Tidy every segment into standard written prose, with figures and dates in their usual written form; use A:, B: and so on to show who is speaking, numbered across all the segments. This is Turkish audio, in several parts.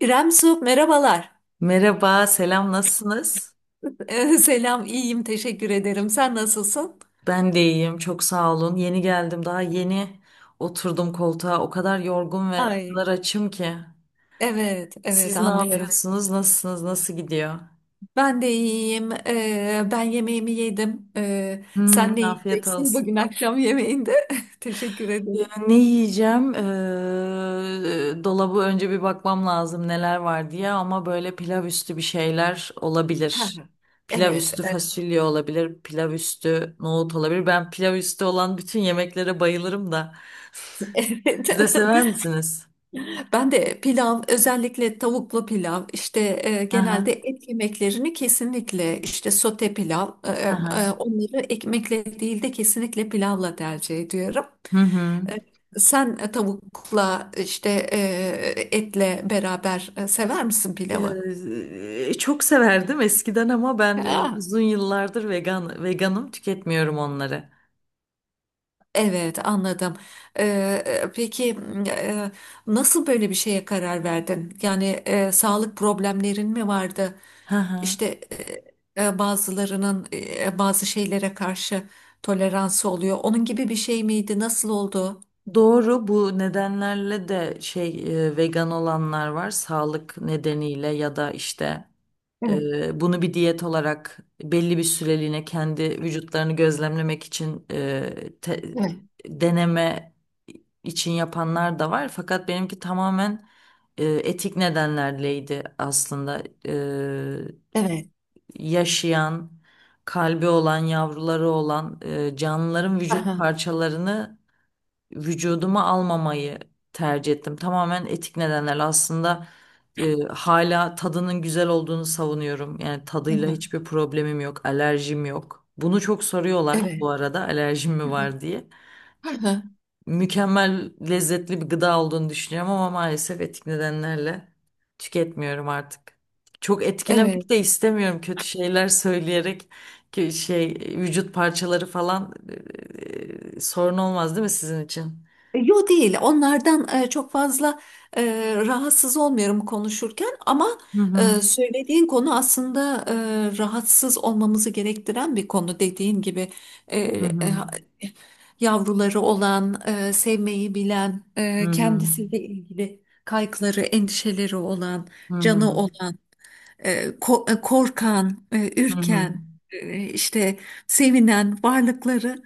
A: İrem Su, merhabalar.
B: Merhaba, selam, nasılsınız?
A: Selam, iyiyim, teşekkür ederim. Sen nasılsın?
B: Ben de iyiyim, çok sağ olun. Yeni geldim, daha yeni oturdum koltuğa. O kadar yorgun ve o kadar
A: Ay,
B: açım ki.
A: evet, evet
B: Siz ne
A: anlıyorum.
B: yapıyorsunuz, nasılsınız, nasıl gidiyor?
A: Ben de iyiyim. Ben yemeğimi yedim. Sen ne
B: Hmm, afiyet
A: yiyeceksin
B: olsun.
A: bugün akşam yemeğinde? Teşekkür
B: Ya,
A: ederim.
B: ne yiyeceğim? Dolabı önce bir bakmam lazım neler var diye ama böyle pilav üstü bir şeyler
A: Ha,
B: olabilir. Pilav
A: evet,
B: üstü
A: evet.
B: fasulye olabilir, pilav üstü nohut olabilir. Ben pilav üstü olan bütün yemeklere bayılırım da. Siz de sever misiniz?
A: Ben de pilav, özellikle tavuklu pilav, işte genelde
B: Aha,
A: et yemeklerini kesinlikle işte sote pilav,
B: aha.
A: onları ekmekle değil de kesinlikle pilavla tercih ediyorum.
B: Hı hı.
A: E, Sen tavukla işte etle beraber sever misin pilavı?
B: Çok severdim eskiden ama ben
A: Ha,
B: uzun yıllardır veganım, tüketmiyorum onları.
A: evet anladım. E, peki e, nasıl böyle bir şeye karar verdin? Yani sağlık problemlerin mi vardı?
B: Hı hı.
A: İşte bazılarının bazı şeylere karşı toleransı oluyor. Onun gibi bir şey miydi? Nasıl oldu?
B: Doğru, bu nedenlerle de şey vegan olanlar var, sağlık nedeniyle ya da işte.
A: Evet,
B: Bunu bir diyet olarak belli bir süreliğine kendi vücutlarını gözlemlemek için
A: evet,
B: deneme için yapanlar da var. Fakat benimki tamamen etik nedenlerleydi aslında.
A: evet.
B: Yaşayan, kalbi olan, yavruları olan canlıların vücut
A: Aha,
B: parçalarını vücuduma almamayı tercih ettim. Tamamen etik nedenlerle aslında hala tadının güzel olduğunu savunuyorum. Yani tadıyla
A: aha,
B: hiçbir problemim yok, alerjim yok. Bunu çok soruyorlar
A: evet.
B: bu arada, alerjim mi var diye.
A: Aha,
B: Mükemmel, lezzetli bir gıda olduğunu düşünüyorum ama maalesef etik nedenlerle tüketmiyorum artık. Çok
A: evet.
B: etkilemek de istemiyorum kötü şeyler söyleyerek, ki şey, vücut parçaları falan, sorun olmaz değil mi sizin için?
A: Yo değil. Onlardan çok fazla rahatsız olmuyorum konuşurken ama
B: Hı hı.
A: söylediğin konu aslında rahatsız olmamızı gerektiren bir konu. Dediğin gibi e,
B: Hı
A: e,
B: hı.
A: ha- yavruları olan, sevmeyi bilen,
B: Hı hı.
A: kendisiyle ilgili kaygıları, endişeleri olan,
B: Hı
A: canı
B: hı.
A: olan korkan,
B: Hı hı.
A: ürken, işte sevinen varlıkları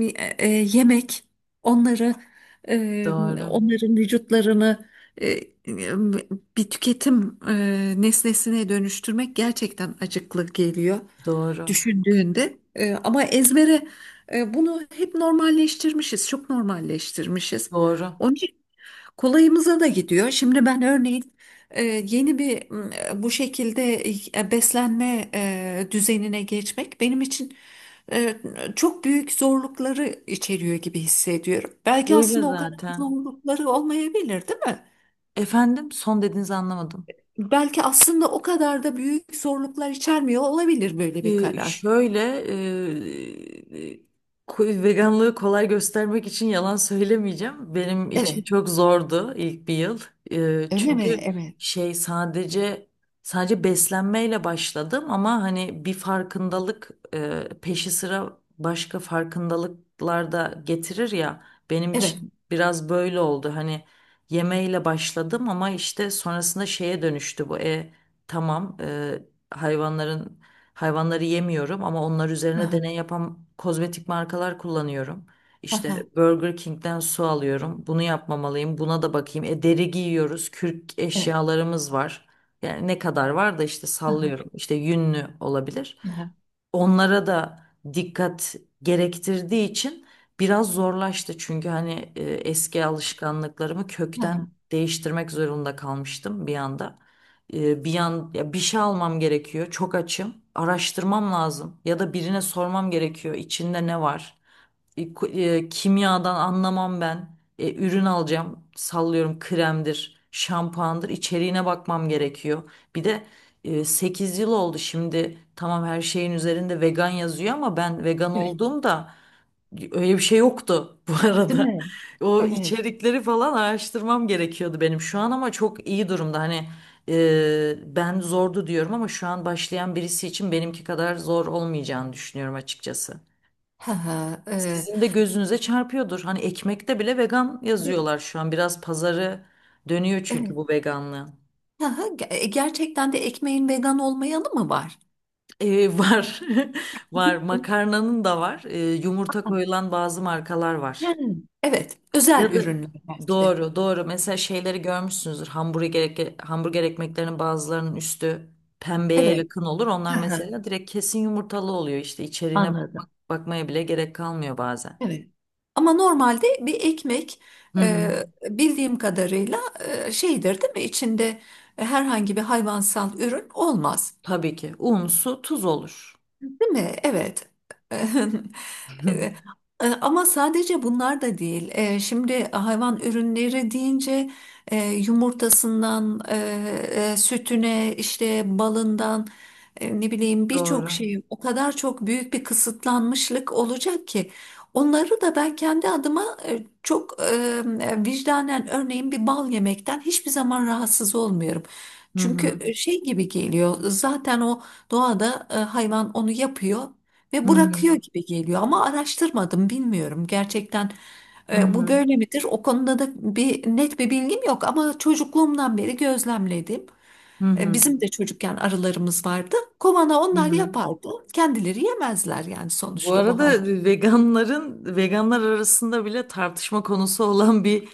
A: e, yemek, onları e,
B: Doğru.
A: onların vücutlarını e, e, bir tüketim nesnesine dönüştürmek gerçekten acıklı geliyor
B: Doğru.
A: düşündüğünde. Ama ezbere bunu hep normalleştirmişiz, çok normalleştirmişiz.
B: Doğru.
A: Onun için kolayımıza da gidiyor. Şimdi ben örneğin yeni bir bu şekilde beslenme düzenine geçmek benim için e, çok büyük zorlukları içeriyor gibi hissediyorum. Belki
B: Böyle
A: aslında o kadar
B: zaten.
A: zorlukları olmayabilir, değil mi?
B: Efendim, son dediğinizi anlamadım.
A: Belki aslında o kadar da büyük zorluklar içermiyor olabilir böyle bir
B: Ee,
A: karar.
B: şöyle e, veganlığı kolay göstermek için yalan söylemeyeceğim. Benim için
A: Evet,
B: çok zordu ilk bir yıl.
A: öyle mi?
B: Çünkü
A: Evet.
B: şey, sadece beslenmeyle başladım ama hani bir farkındalık peşi sıra başka farkındalıklar da getirir ya. Benim
A: Evet.
B: için biraz böyle oldu. Hani yemeğiyle başladım ama işte sonrasında şeye dönüştü bu. Tamam. Hayvanların Hayvanları yemiyorum ama onlar üzerine
A: Aha,
B: deney yapan kozmetik markalar kullanıyorum. İşte
A: aha,
B: Burger King'den su alıyorum. Bunu yapmamalıyım. Buna da bakayım. Deri giyiyoruz. Kürk
A: evet.
B: eşyalarımız var. Yani ne kadar var da işte
A: Aha,
B: sallıyorum. İşte yünlü olabilir,
A: aha,
B: onlara da dikkat gerektirdiği için biraz zorlaştı. Çünkü hani eski alışkanlıklarımı kökten
A: aha.
B: değiştirmek zorunda kalmıştım bir anda. Bir yan ya bir şey almam gerekiyor. Çok açım. Araştırmam lazım ya da birine sormam gerekiyor. İçinde ne var? Kimyadan anlamam ben. Ürün alacağım. Sallıyorum, kremdir, şampuandır. İçeriğine bakmam gerekiyor. Bir de 8 yıl oldu şimdi. Tamam, her şeyin üzerinde vegan yazıyor ama ben vegan
A: Evet.
B: olduğumda öyle bir şey yoktu bu
A: Değil
B: arada.
A: mi?
B: O
A: Evet.
B: içerikleri falan araştırmam gerekiyordu benim, şu an ama çok iyi durumda. Hani ben zordu diyorum ama şu an başlayan birisi için benimki kadar zor olmayacağını düşünüyorum açıkçası.
A: Ha ha.
B: Sizin de gözünüze çarpıyordur. Hani ekmekte bile vegan yazıyorlar şu an. Biraz pazarı dönüyor çünkü
A: Evet.
B: bu veganlığın.
A: Ha ha, gerçekten de ekmeğin vegan olmayanı mı var?
B: Var. Var. Makarnanın da var. Yumurta koyulan bazı markalar var.
A: Hmm. Evet, özel
B: Ya da
A: ürünler belki de.
B: doğru doğru. Mesela şeyleri görmüşsünüzdür. Hamburger, hamburger ekmeklerinin bazılarının üstü pembeye
A: Evet.
B: yakın olur. Onlar
A: Ha ha.
B: mesela direkt kesin yumurtalı oluyor. İşte içeriğine
A: Anladım.
B: bakmaya bile gerek kalmıyor bazen.
A: Evet. Ama normalde bir ekmek
B: Hı hı.
A: bildiğim kadarıyla şeydir değil mi? İçinde herhangi bir hayvansal ürün olmaz.
B: Tabii ki. Un, su, tuz olur.
A: Değil mi? Evet. E, Ama sadece bunlar da değil. Şimdi hayvan ürünleri deyince yumurtasından, sütüne, işte balından, ne bileyim birçok
B: Doğru.
A: şey o kadar çok büyük bir kısıtlanmışlık olacak ki. Onları da ben kendi adıma çok vicdanen örneğin bir bal yemekten hiçbir zaman rahatsız olmuyorum.
B: Hı hı.
A: Çünkü şey gibi geliyor zaten o doğada hayvan onu yapıyor
B: Hı
A: ve bırakıyor
B: hı.
A: gibi geliyor ama araştırmadım bilmiyorum gerçekten
B: Hı
A: bu
B: hı.
A: böyle midir? O konuda da bir net bir bilgim yok ama çocukluğumdan beri gözlemledim.
B: Hı hı.
A: Bizim de çocukken arılarımız vardı. Kovana
B: Hı
A: onlar
B: hı.
A: yapardı. Kendileri yemezler yani
B: Bu
A: sonuçta bu hayvan.
B: arada veganlar arasında bile tartışma konusu olan bir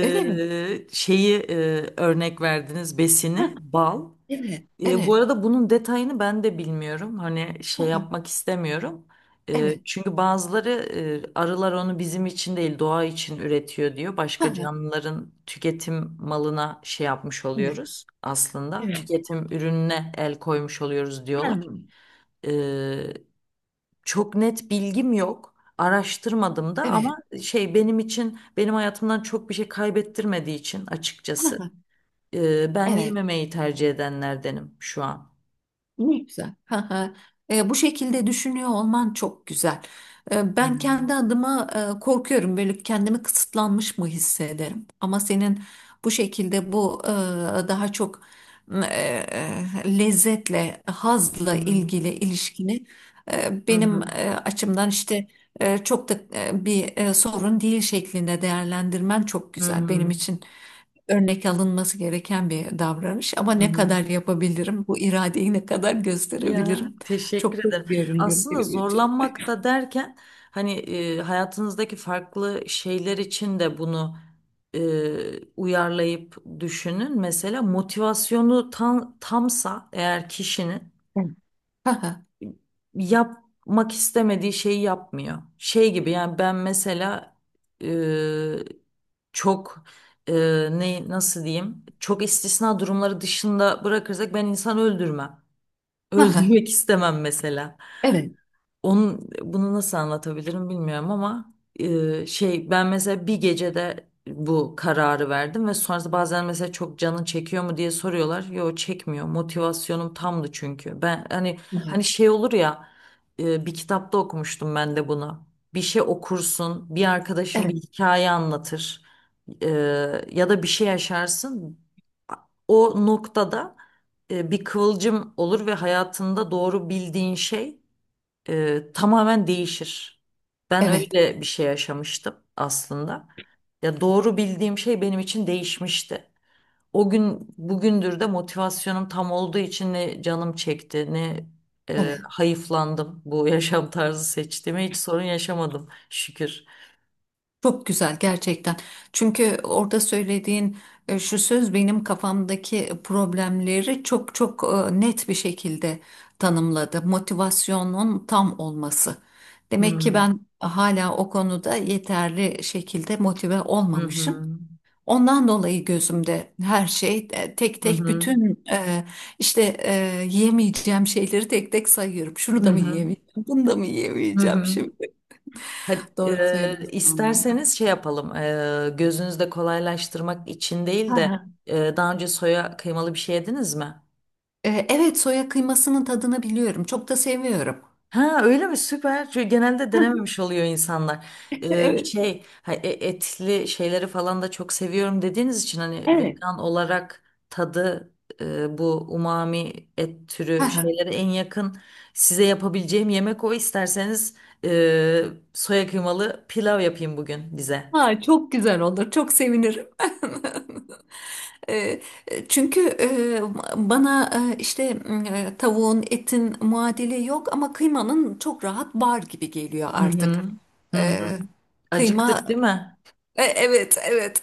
A: Öyle mi?
B: şeyi, örnek verdiniz, besini
A: Ha,
B: bal.
A: evet.
B: Bu
A: Evet.
B: arada bunun detayını ben de bilmiyorum. Hani şey
A: Ha,
B: yapmak istemiyorum.
A: evet.
B: Çünkü bazıları arılar onu bizim için değil doğa için üretiyor diyor. Başka
A: Ha,
B: canlıların tüketim malına şey yapmış
A: evet.
B: oluyoruz aslında.
A: Evet.
B: Tüketim ürününe el koymuş oluyoruz
A: Ha,
B: diyorlar. E, Çok net bilgim yok. Araştırmadım da
A: evet.
B: ama şey, benim için, benim hayatımdan çok bir şey kaybettirmediği için açıkçası
A: Ha,
B: ben
A: evet.
B: yememeyi tercih edenlerdenim şu an.
A: Ne güzel. Ha ha. Bu şekilde düşünüyor olman çok güzel. Ben kendi
B: Hmm.
A: adıma korkuyorum. Böyle kendimi kısıtlanmış mı hissederim? Ama senin bu şekilde bu daha çok e, lezzetle,
B: Hı
A: hazla
B: hı,
A: ilgili ilişkini
B: hı
A: benim
B: hı,
A: açımdan işte çok da bir sorun değil şeklinde değerlendirmen çok
B: hı
A: güzel benim
B: hı,
A: için örnek alınması gereken bir davranış ama
B: hı
A: ne
B: hı.
A: kadar yapabilirim? Bu iradeyi ne kadar
B: Ya
A: gösterebilirim? Çok
B: teşekkür
A: da
B: ederim.
A: görünüyor
B: Aslında
A: benim için.
B: zorlanmak da derken hani hayatınızdaki farklı şeyler için de bunu uyarlayıp düşünün. Mesela motivasyonu tamsa eğer, kişinin
A: Evet. Aha,
B: yapmak istemediği şeyi yapmıyor. Şey gibi yani, ben mesela e, çok, e, ne, nasıl diyeyim? Çok istisna durumları dışında bırakırsak ben insan öldürmem.
A: aha,
B: Öldürmek istemem mesela.
A: evet,
B: Onun bunu nasıl anlatabilirim bilmiyorum ama şey, ben mesela bir gecede bu kararı verdim ve sonrasında bazen mesela çok canın çekiyor mu diye soruyorlar. Yo, çekmiyor. Motivasyonum tamdı çünkü. Ben hani,
A: aha,
B: şey olur ya, bir kitapta okumuştum ben de bunu. Bir şey okursun, bir arkadaşın bir
A: evet,
B: hikaye anlatır, e, ya da bir şey yaşarsın. O noktada bir kıvılcım olur ve hayatında doğru bildiğin şey tamamen değişir. Ben
A: evet,
B: öyle bir şey yaşamıştım aslında. Ya, doğru bildiğim şey benim için değişmişti. O gün bugündür de motivasyonum tam olduğu için ne canım çekti ne
A: evet.
B: hayıflandım, bu yaşam tarzı seçtiğime hiç sorun yaşamadım şükür.
A: Çok güzel gerçekten. Çünkü orada söylediğin şu söz benim kafamdaki problemleri çok çok net bir şekilde tanımladı. Motivasyonun tam olması. Demek ki
B: Hı
A: ben hala o konuda yeterli şekilde motive
B: hı,
A: olmamışım.
B: hı
A: Ondan dolayı gözümde her şey tek
B: hı,
A: tek
B: hı
A: bütün işte yemeyeceğim şeyleri tek tek sayıyorum. Şunu da mı
B: hı,
A: yiyemeyeceğim, bunu da mı
B: hı
A: yiyemeyeceğim
B: hı.
A: şimdi?
B: Hadi,
A: Doğru söylüyorsun anlamda.
B: isterseniz şey yapalım. Gözünüzde kolaylaştırmak için
A: Hı
B: değil de,
A: hı.
B: daha önce soya kıymalı bir şey yediniz mi?
A: Evet, soya kıymasının tadını biliyorum. Çok da seviyorum.
B: Ha, öyle mi? Süper. Çünkü genelde denememiş oluyor insanlar.
A: Evet.
B: Etli şeyleri falan da çok seviyorum dediğiniz için, hani
A: Evet.
B: vegan olarak tadı bu umami et
A: Hı
B: türü
A: hı.
B: şeylere en yakın size yapabileceğim yemek o. İsterseniz e, soya kıymalı pilav yapayım bugün bize.
A: Ha, çok güzel olur. Çok sevinirim. E, Çünkü bana işte tavuğun, etin muadili yok ama kıymanın çok rahat bar gibi geliyor
B: Hı
A: artık.
B: hı. Hı
A: E,
B: hı.
A: Kıyma,
B: Acıktık değil mi?
A: Evet, evet.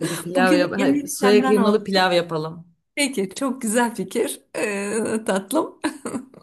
B: Hadi pilav yap.
A: Bugün
B: Hayır,
A: yemek
B: soya
A: senden
B: kıymalı
A: oldu.
B: pilav yapalım.
A: Peki, çok güzel fikir, tatlım.